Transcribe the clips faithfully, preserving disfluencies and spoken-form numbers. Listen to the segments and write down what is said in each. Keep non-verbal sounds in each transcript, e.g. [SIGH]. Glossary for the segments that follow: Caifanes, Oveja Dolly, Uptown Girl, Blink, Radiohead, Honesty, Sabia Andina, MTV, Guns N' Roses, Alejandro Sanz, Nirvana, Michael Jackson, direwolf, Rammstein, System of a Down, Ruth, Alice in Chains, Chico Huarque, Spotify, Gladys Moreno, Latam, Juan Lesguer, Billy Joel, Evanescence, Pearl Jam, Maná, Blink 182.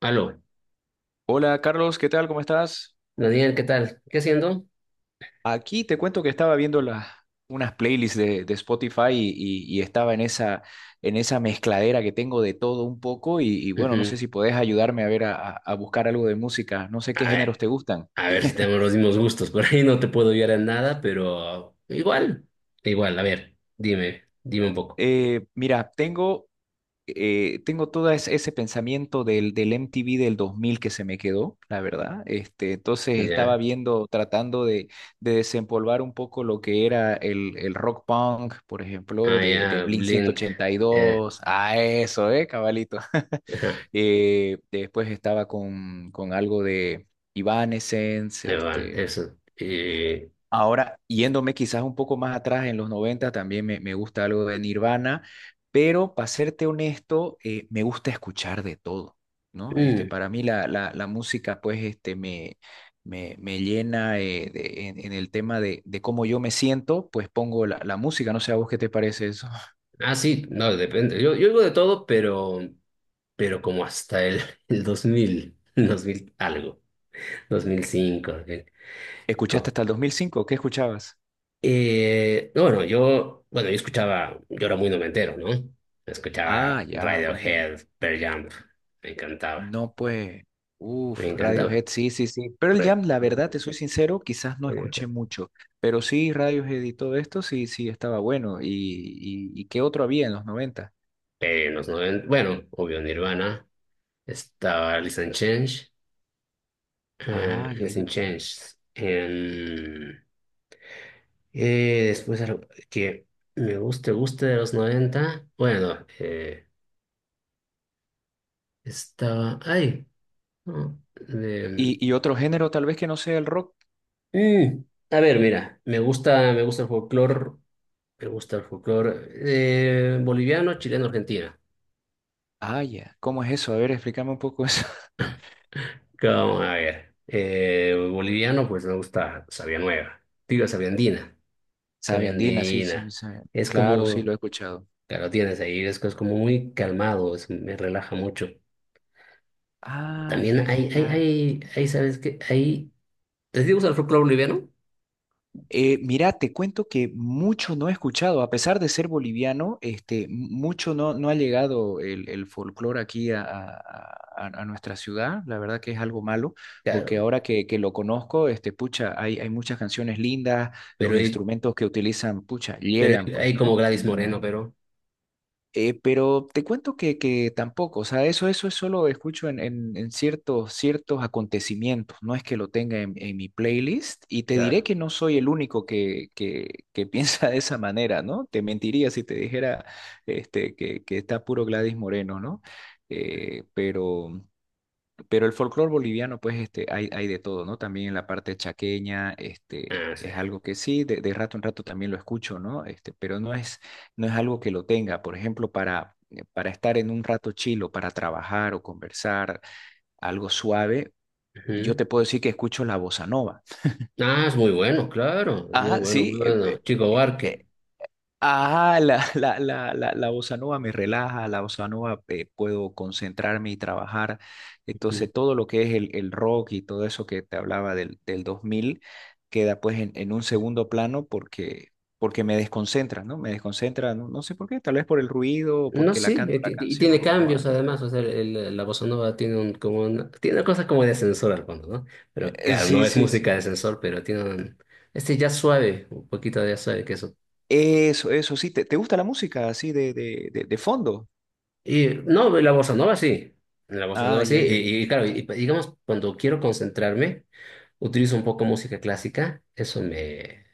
Aló. Hola Carlos, ¿qué tal? ¿Cómo estás? Daniel, ¿qué tal? ¿Qué haciendo? Aquí te cuento que estaba viendo las unas playlists de, de Spotify y, y- y estaba en esa, en esa mezcladera que tengo de todo un poco y, y bueno, no sé Ujú. si podés ayudarme a ver a, a- a buscar algo de música, no sé qué A ver, géneros te gustan. a ver si tenemos los mismos gustos. Por ahí no te puedo ayudar en nada, pero igual, igual. A ver, dime, dime un poco. Eh, mira, tengo eh, tengo todo es- ese pensamiento del, del M T V del dos mil que se me quedó, la verdad. Este, entonces Ya, estaba viendo, tratando de, de desempolvar un poco lo que era el, el rock punk, por ejemplo, ah, de, de ya, Blink ciento Blink. ochenta y Eh, dos Ah, eso, ¿eh, cabalito? [LAUGHS] ajá, Eh, después estaba con, con algo de Evanescence, ahí van, este, eso. Eh, ahora, yéndome quizás un poco más atrás, en los noventa también me, me gusta algo de Nirvana, pero para serte honesto, eh, me gusta escuchar de todo, ¿no? Este, mm, para mí la, la, la música, pues, este, me, me, me llena eh, de- en, en el tema de, de cómo yo me siento, pues pongo la, la música, no sé a vos qué te parece eso. [LAUGHS] ah, sí, no, depende. Yo, yo oigo de todo, pero, pero como hasta el, el dos mil dos mil algo, dos mil cinco. Ok. ¿Escuchaste Como hasta el dos mil cinco? ¿Qué escuchabas? Eh, no, bueno, yo, bueno, yo escuchaba, yo era muy noventero, ¿no? Ah, Escuchaba ya, bueno. Radiohead, Pearl Jam, me encantaba, No, pues, me uff, encantaba. Radiohead, sí, sí, sí. Pearl Re- Jam, la verdad, te soy sincero, quizás no escuché Radiohead. mucho, pero sí, Radiohead y todo esto, sí, sí, estaba bueno. ¿Y, y, y qué otro había en los noventa? Eh, en los noventa bueno, obvio Nirvana, estaba Alice in Change, eh, Ah, ya, Alice ya, in ya. Chains, en- eh, después algo que me gusta, gusta de los noventa bueno, eh, estaba, ay, no. ¿Y, y otro género tal vez que no sea el rock? Mm. A ver, mira, me gusta, me gusta el folclore, me gusta el folclore eh, boliviano, chileno, argentino. Ah, ya. ¿Cómo es eso? A ver, explícame un poco eso. [LAUGHS] Como, a ver, eh, boliviano, pues me gusta Sabia Nueva, digo Sabia Andina, Sabe Sabia andina, sí, sabe- Andina. sabe. Es Claro, sí, lo como, he escuchado. claro, tienes ahí, es, es como muy calmado, es- me relaja mucho. Ah, ya, También ya, hay, hay, ya. hay, hay, ¿sabes qué? Hay, ¿te gusta el folclore boliviano? Eh, mira, te cuento que mucho no he escuchado, a pesar de ser boliviano, este, mucho no, no ha llegado el, el folclore aquí a, a- a- a nuestra ciudad. La verdad que es algo malo, porque Claro, ahora que, que lo conozco, este, pucha, hay, hay muchas canciones lindas, los pero hay, instrumentos que utilizan, pucha, pero llegan, hay, pues, hay como ¿no? Gladys Moreno, pero, Eh, pero te cuento que, que tampoco, o sea, eso, eso es solo escucho en, en- en ciertos, ciertos acontecimientos, no es que lo tenga en, en mi playlist y te diré claro, que no soy el único que, que, que [LAUGHS] piensa de esa manera, ¿no? Te mentiría si te dijera este, que, que está puro Gladys Moreno, ¿no? Eh, pero... Pero el folclore boliviano, pues, este, hay, hay de todo, ¿no? También en la parte chaqueña, este, ah, sí. es algo que sí, de, de rato en rato también lo escucho, ¿no? Este, pero no es, no es algo que lo tenga. Por ejemplo, para, eh, para estar en un rato chilo, para trabajar o conversar, algo suave, yo Ujú. te puedo decir que escucho la bossa nova. Ah, es muy bueno, claro, es muy Ajá, bueno, muy sí, bueno. eh, Chico eh, Huarque. ah, la, [LAUGHS] la, la, la, la bossa nova me relaja, la bossa nova eh, puedo concentrarme y trabajar. Ujú. Entonces, todo lo que es el, el rock y todo eso que te hablaba del, del dos mil queda pues en, en un segundo plano porque, porque me desconcentra, ¿no? Me desconcentra, no, no sé por qué, tal vez por el ruido o No, porque la sí, eh, canto la ti- y canción tiene o cambios algo. además, o sea, el- la bossa nova tiene un, como una, tiene una cosa como de ascensor al fondo, ¿no? Pero Eh, claro, no Sí, es sí, sí. música de ascensor, pero tiene un- este jazz suave, un poquito de jazz suave que eso. Eso, eso, sí. ¿Te, te gusta la música así de, de, de, de fondo? Y no, la bossa nova sí, la bossa Ah, nova sí, ya, ya, ya. y, y claro, y, y digamos, cuando quiero concentrarme, utilizo un poco música clásica, eso me,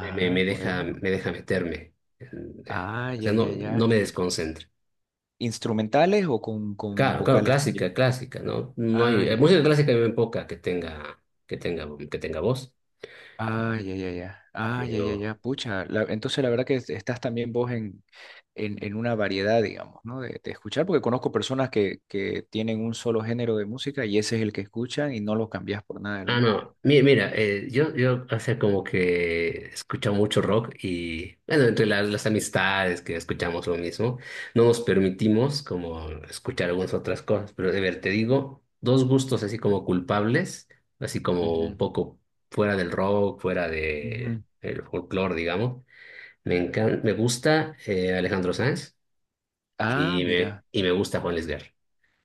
me, me me deja, bueno. me deja meterme, en- eh, Ah, o ya, sea, ya, no, ya. no me desconcentra. ¿Instrumentales o con, con Claro, claro, vocales también? clásica, clásica, ¿no? No hay, eh, Ay, ay, música clásica hay muy poca que tenga, que tenga, que tenga voz. ay, ay, ay, ay, ay, ay, ay, Pero, ay, pucha. La- entonces la verdad que es- estás también vos en, en, en una variedad, digamos, ¿no? De, de escuchar, porque conozco personas que, que tienen un solo género de música y ese es el que escuchan y no lo cambias por nada del ah, mundo. no, mira, mira, eh, yo, yo hace como que escucho mucho rock y, bueno, entre las, las amistades que escuchamos lo mismo, no nos permitimos como escuchar algunas otras cosas, pero de ver, te digo, dos gustos así como culpables, así como un Ujú, poco fuera del rock, fuera de ujú. el folclore, digamos. Me encanta, me gusta eh, Alejandro Sanz. Ah, Y me, mira, y me gusta Juan Lesguer.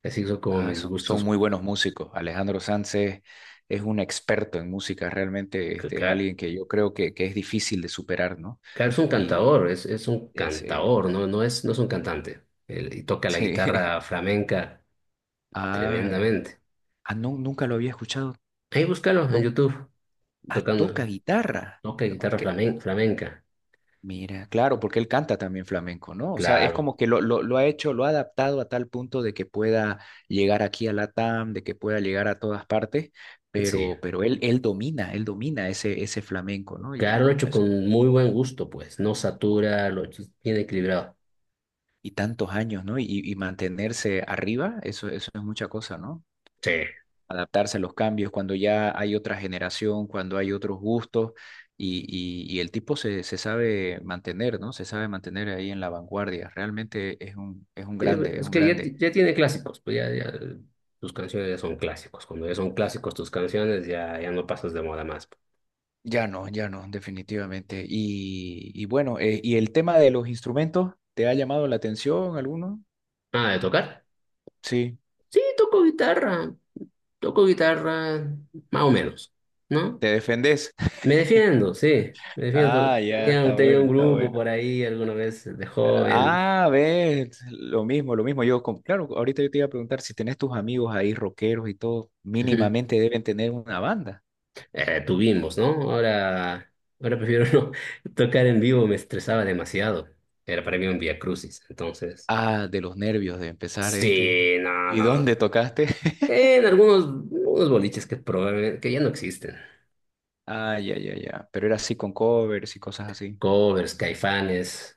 Así son como ah, mis son, son gustos. muy buenos músicos. Alejandro Sanz es, es un experto en música, realmente Ca- este, es ca- alguien que yo creo que, que es difícil de superar, ¿no? Ca- es un Y cantador, es, es un es, eh, cantador, no, no es, no es un cantante. Él- y toca la Sí. guitarra [LAUGHS] flamenca Ah, eh. tremendamente. Ah, no, nunca lo había escuchado. Ahí búscalo en To- YouTube, ah, tocando, Toca guitarra. toca No, guitarra que flamen- flamenca. mira, claro, porque él canta también flamenco, ¿no? O sea, es Claro, como que lo, lo, lo ha hecho, lo ha adaptado a tal punto de que pueda llegar aquí a Latam, de que pueda llegar a todas partes, sí. pero, pero él, él domina, él domina ese, ese flamenco, ¿no? Y Claro, lo bueno, hecho eso, con muy buen gusto, pues. No satura, lo hecho bien equilibrado. y tantos años, ¿no? Y, y mantenerse arriba, eso, eso es mucha cosa, ¿no? Sí. Adaptarse a los cambios, cuando ya hay otra generación, cuando hay otros gustos y, y- y el tipo se, se sabe mantener, ¿no? Se sabe mantener ahí en la vanguardia. Realmente es un, es un Sí, grande, es es un que ya, grande. ya tiene clásicos, pues ya, ya tus canciones ya son clásicos. Cuando ya son clásicos tus canciones, ya, ya no pasas de moda más. Ya no, ya no, definitivamente. Y, y bueno, eh, ¿y el tema de los instrumentos? ¿Te ha llamado la atención alguno? Ah, ¿de tocar? Sí, Sí, toco guitarra, toco guitarra, más o menos, ¿no? te defendés. [LAUGHS] Me defiendo, sí, me Ah, defiendo. ya, Tenía, está tenía bueno, un está grupo bueno. por ahí alguna vez de joven. Ah, ves, lo mismo, lo mismo. Yo, como- claro, ahorita yo te iba a preguntar si tenés tus amigos ahí rockeros y todo, Ujú. mínimamente deben tener una banda. Eh, tuvimos, ¿no? Ahora, ahora prefiero [LAUGHS] no tocar en vivo, me estresaba demasiado. Era para mí un vía crucis, entonces... Ah, de los nervios de empezar este. Sí, no, ¿Y dónde no. tocaste? En [LAUGHS] algunos, unos boliches que probé, que ya no existen. Ah, ya, ya, ya. Pero era así con covers y cosas así. Covers, Caifanes,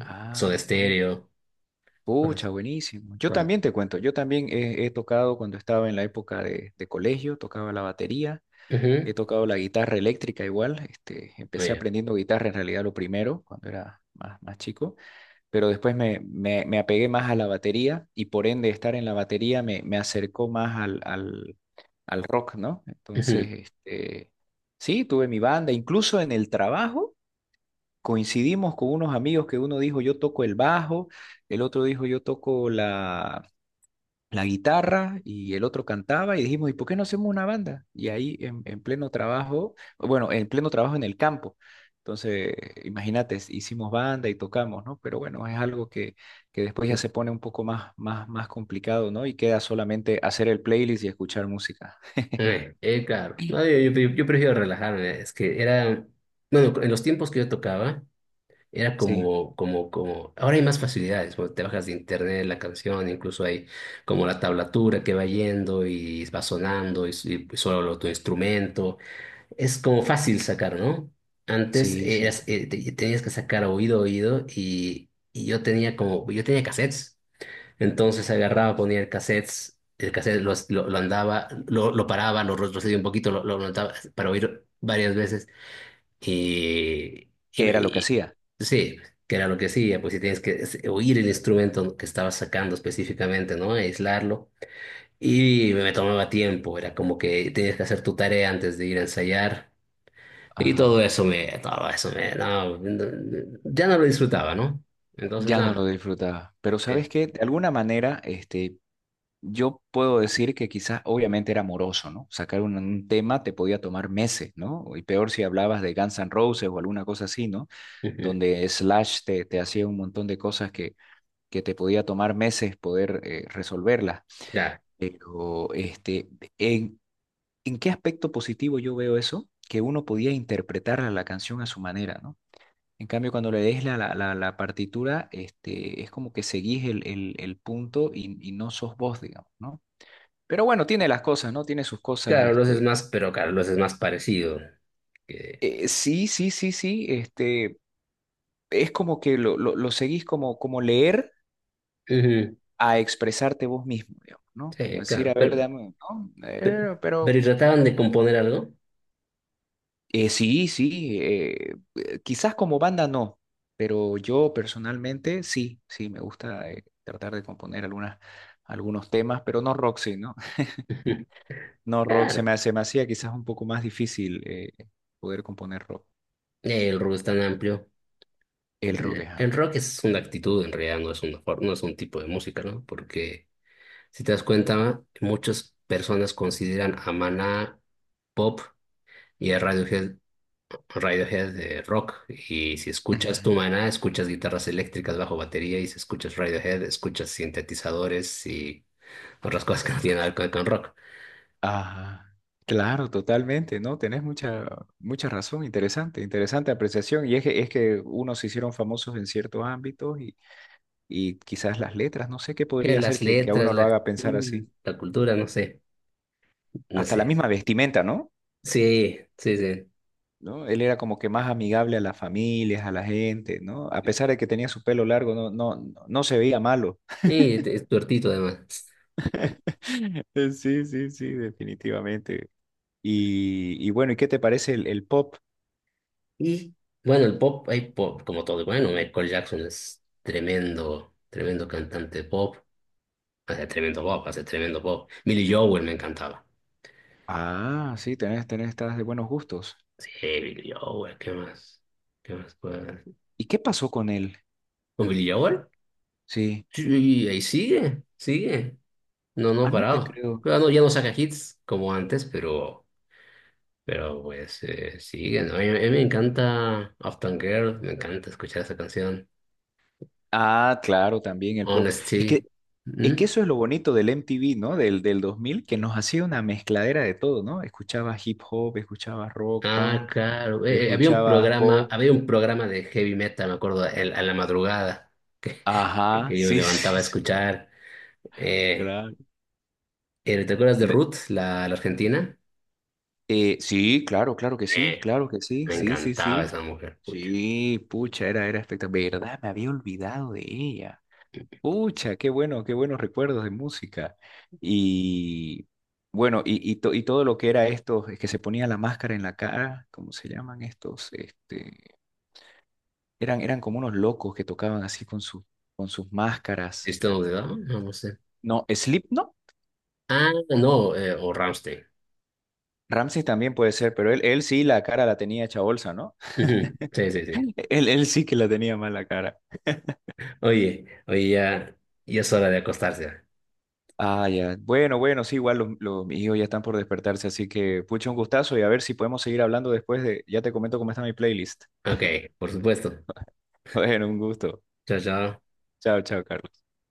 Ah, Soda bueno. Stereo, cosas, Pucha, buenísimo. Yo cosas. también te cuento, yo también he, he tocado cuando estaba en la época de, de colegio, tocaba la batería. He Ujú, tocado la guitarra eléctrica igual, este, muy empecé bien. aprendiendo guitarra en realidad lo primero, cuando era más, más chico, pero después me, me- me apegué más a la batería y por ende estar en la batería me, me acercó más al, al, al rock, ¿no? Ujú. Entonces, este, sí, tuve mi banda, incluso en el trabajo coincidimos con unos amigos que uno dijo yo toco el bajo, el otro dijo yo toco la la guitarra y el otro cantaba y dijimos, ¿y por qué no hacemos una banda? Y ahí en, en pleno trabajo, bueno, en pleno trabajo en el campo. Entonces, imagínate, hicimos banda y tocamos, ¿no? Pero bueno, es algo que, que después ya se pone un poco más, más, más complicado, ¿no? Y queda solamente hacer el playlist y escuchar música. Eh, eh, claro, no, yo, yo- yo prefiero relajarme, es que era, bueno, en los tiempos que yo tocaba, era Sí, como, como, como, ahora hay más facilidades, bueno, te bajas de internet la canción, incluso hay como la tablatura que va yendo y va sonando y, y solo tu instrumento. Es como fácil sacar, ¿no? Antes sí, sí, eras, sí. eh, te- tenías que sacar oído, oído, y, y yo tenía como, yo tenía cassettes. Entonces agarraba, ponía el cassettes, el cassette lo, lo, lo andaba, lo, lo paraba, lo retrocedía un poquito, lo, lo levantaba para oír varias veces. Y, y ¿Qué me- era lo que y- hacía? sí, que era lo que hacía, pues si tienes que es- oír el instrumento que estabas sacando específicamente, ¿no? Aislarlo. Y me me tomaba tiempo, era como que tenías que hacer tu tarea antes de ir a ensayar. Y todo Ajá. eso me, todo eso me, no, no, ya no lo disfrutaba, ¿no? Entonces, Ya no lo nada, disfrutaba. Pero ¿sabes es, qué? De alguna manera, este, yo puedo decir que quizás obviamente era moroso, ¿no? Sacar un, un tema te podía tomar meses, ¿no? Y peor si hablabas de Guns N' Roses o alguna cosa así, ¿no? ujú, Donde Slash te, te hacía un montón de cosas que, que te podía tomar meses poder eh, resolverlas. ya, Pero, este, ¿en, en qué aspecto positivo yo veo eso? Que uno podía interpretar la canción a su manera, ¿no? En cambio, cuando lees la, la, la, la partitura, este, es como que seguís el, el, el punto y, y no sos vos, digamos, ¿no? Pero bueno, tiene las cosas, ¿no? Tiene sus cosas, claro, los es este. más, pero claro, los es más parecido que, eh, Sí, sí, sí, sí, este. Es como que lo, lo, lo seguís como, como leer ujú, a expresarte vos mismo, digamos, ¿no? Como sí, decir, claro, a ver, pero, dame, ¿no? pe- Eh, pero, Pero ¿y trataban de componer algo? eh, sí, sí, eh, eh, quizás como banda no, pero yo personalmente sí, sí, me gusta eh, tratar de componer algunas, algunos temas, pero no rock, sí, ¿no? [LAUGHS] Ujú. No rock, se Claro, me, hace- me hacía quizás un poco más difícil eh, poder componer rock. el rock es tan amplio. El rock El, es el amplio. rock es una actitud, en realidad no es una for- no es un tipo de música, ¿no? Porque si te das cuenta, muchas personas consideran a Maná pop y a Radiohead, Radiohead de rock. Y si escuchas tu [LAUGHS] maná, escuchas guitarras eléctricas bajo batería. Y si escuchas Radiohead, escuchas sintetizadores y otras cosas que no tienen nada que ver con rock. Ajá. Claro, totalmente, ¿no? Tenés mucha, mucha razón, interesante, interesante apreciación. Y es que, es que, unos se hicieron famosos en ciertos ámbitos y, y quizás las letras, no sé qué Que podría hacer las que, que a letras, uno la lo haga pensar actitud, así. la cultura, no sé. No Hasta la sé. misma vestimenta, ¿no? Sí, sí, sí. ¿No? Él era como que más amigable a las familias, a la gente, ¿no? A pesar de que tenía su pelo largo, no, no, no no se veía malo. Y te- es tuertito además. [LAUGHS] Sí, sí, sí, definitivamente. Y, y bueno, ¿y qué te parece el, el pop? Y bueno, el pop, hay pop, como todo. Bueno, Michael Jackson es tremendo, tremendo cantante de pop. Hace tremendo pop, hace tremendo pop. Billy Joel me encantaba. Ah, sí, tenés, tenés, estás de buenos gustos. Sí, Billy Joel, ¿qué más? ¿Qué más puede haber? ¿Y qué pasó con él? ¿Con Billy Joel? Sí. Sí, ahí sigue, sigue. No, no ha Ah, no te parado. creo. Ya no, ya no saca hits como antes, pero, pero pues eh, sigue, ¿no? A mí, a mí me encanta Uptown Girl, me encanta escuchar esa canción. Ah, claro, también el pop. Es que, Honesty. es que ¿Mm? eso es lo bonito del M T V, ¿no? Del, del dos mil, que nos hacía una mezcladera de todo, ¿no? Escuchabas hip hop, escuchabas rock, Ah, punk, claro. Eh, eh, había un escuchabas programa, pop. había un programa de heavy metal, me acuerdo, el- a la madrugada, Ajá, [LAUGHS] que yo me sí, levantaba a sí, sí, escuchar. Eh, claro. eh, ¿te acuerdas de Donde- Ruth, la, la argentina? eh, sí, claro, claro que sí, Eh, claro que sí, Me sí, sí, encantaba sí. esa mujer, pucha. Sí, pucha, era, era espectacular. ¿Verdad? Me había olvidado de ella. Pucha, qué bueno, qué buenos recuerdos de música. Y bueno, y, y, to- y todo lo que era esto es que se ponía la máscara en la cara, ¿cómo se llaman estos? Este, eran, eran como unos locos que tocaban así con sus con sus máscaras. ¿System of a Down? No, no sé. No, no, Ah, no, eh, o Rammstein. Ramsey también puede ser, pero él, él sí la cara la tenía hecha bolsa, ¿no? Ujú, sí, sí, sí. [LAUGHS] Él, él sí que la tenía mal la cara. Oye, oye, ya, ya es hora de acostarse. Ah, ya. Bueno, bueno, sí, igual los, los- mis hijos ya están por despertarse, así que pucha, un gustazo y a ver si podemos seguir hablando después de, ya te comento cómo está mi playlist. Ok, por supuesto. [LAUGHS] Bueno, un gusto. Chao, chao. Chao, chao, Carlos.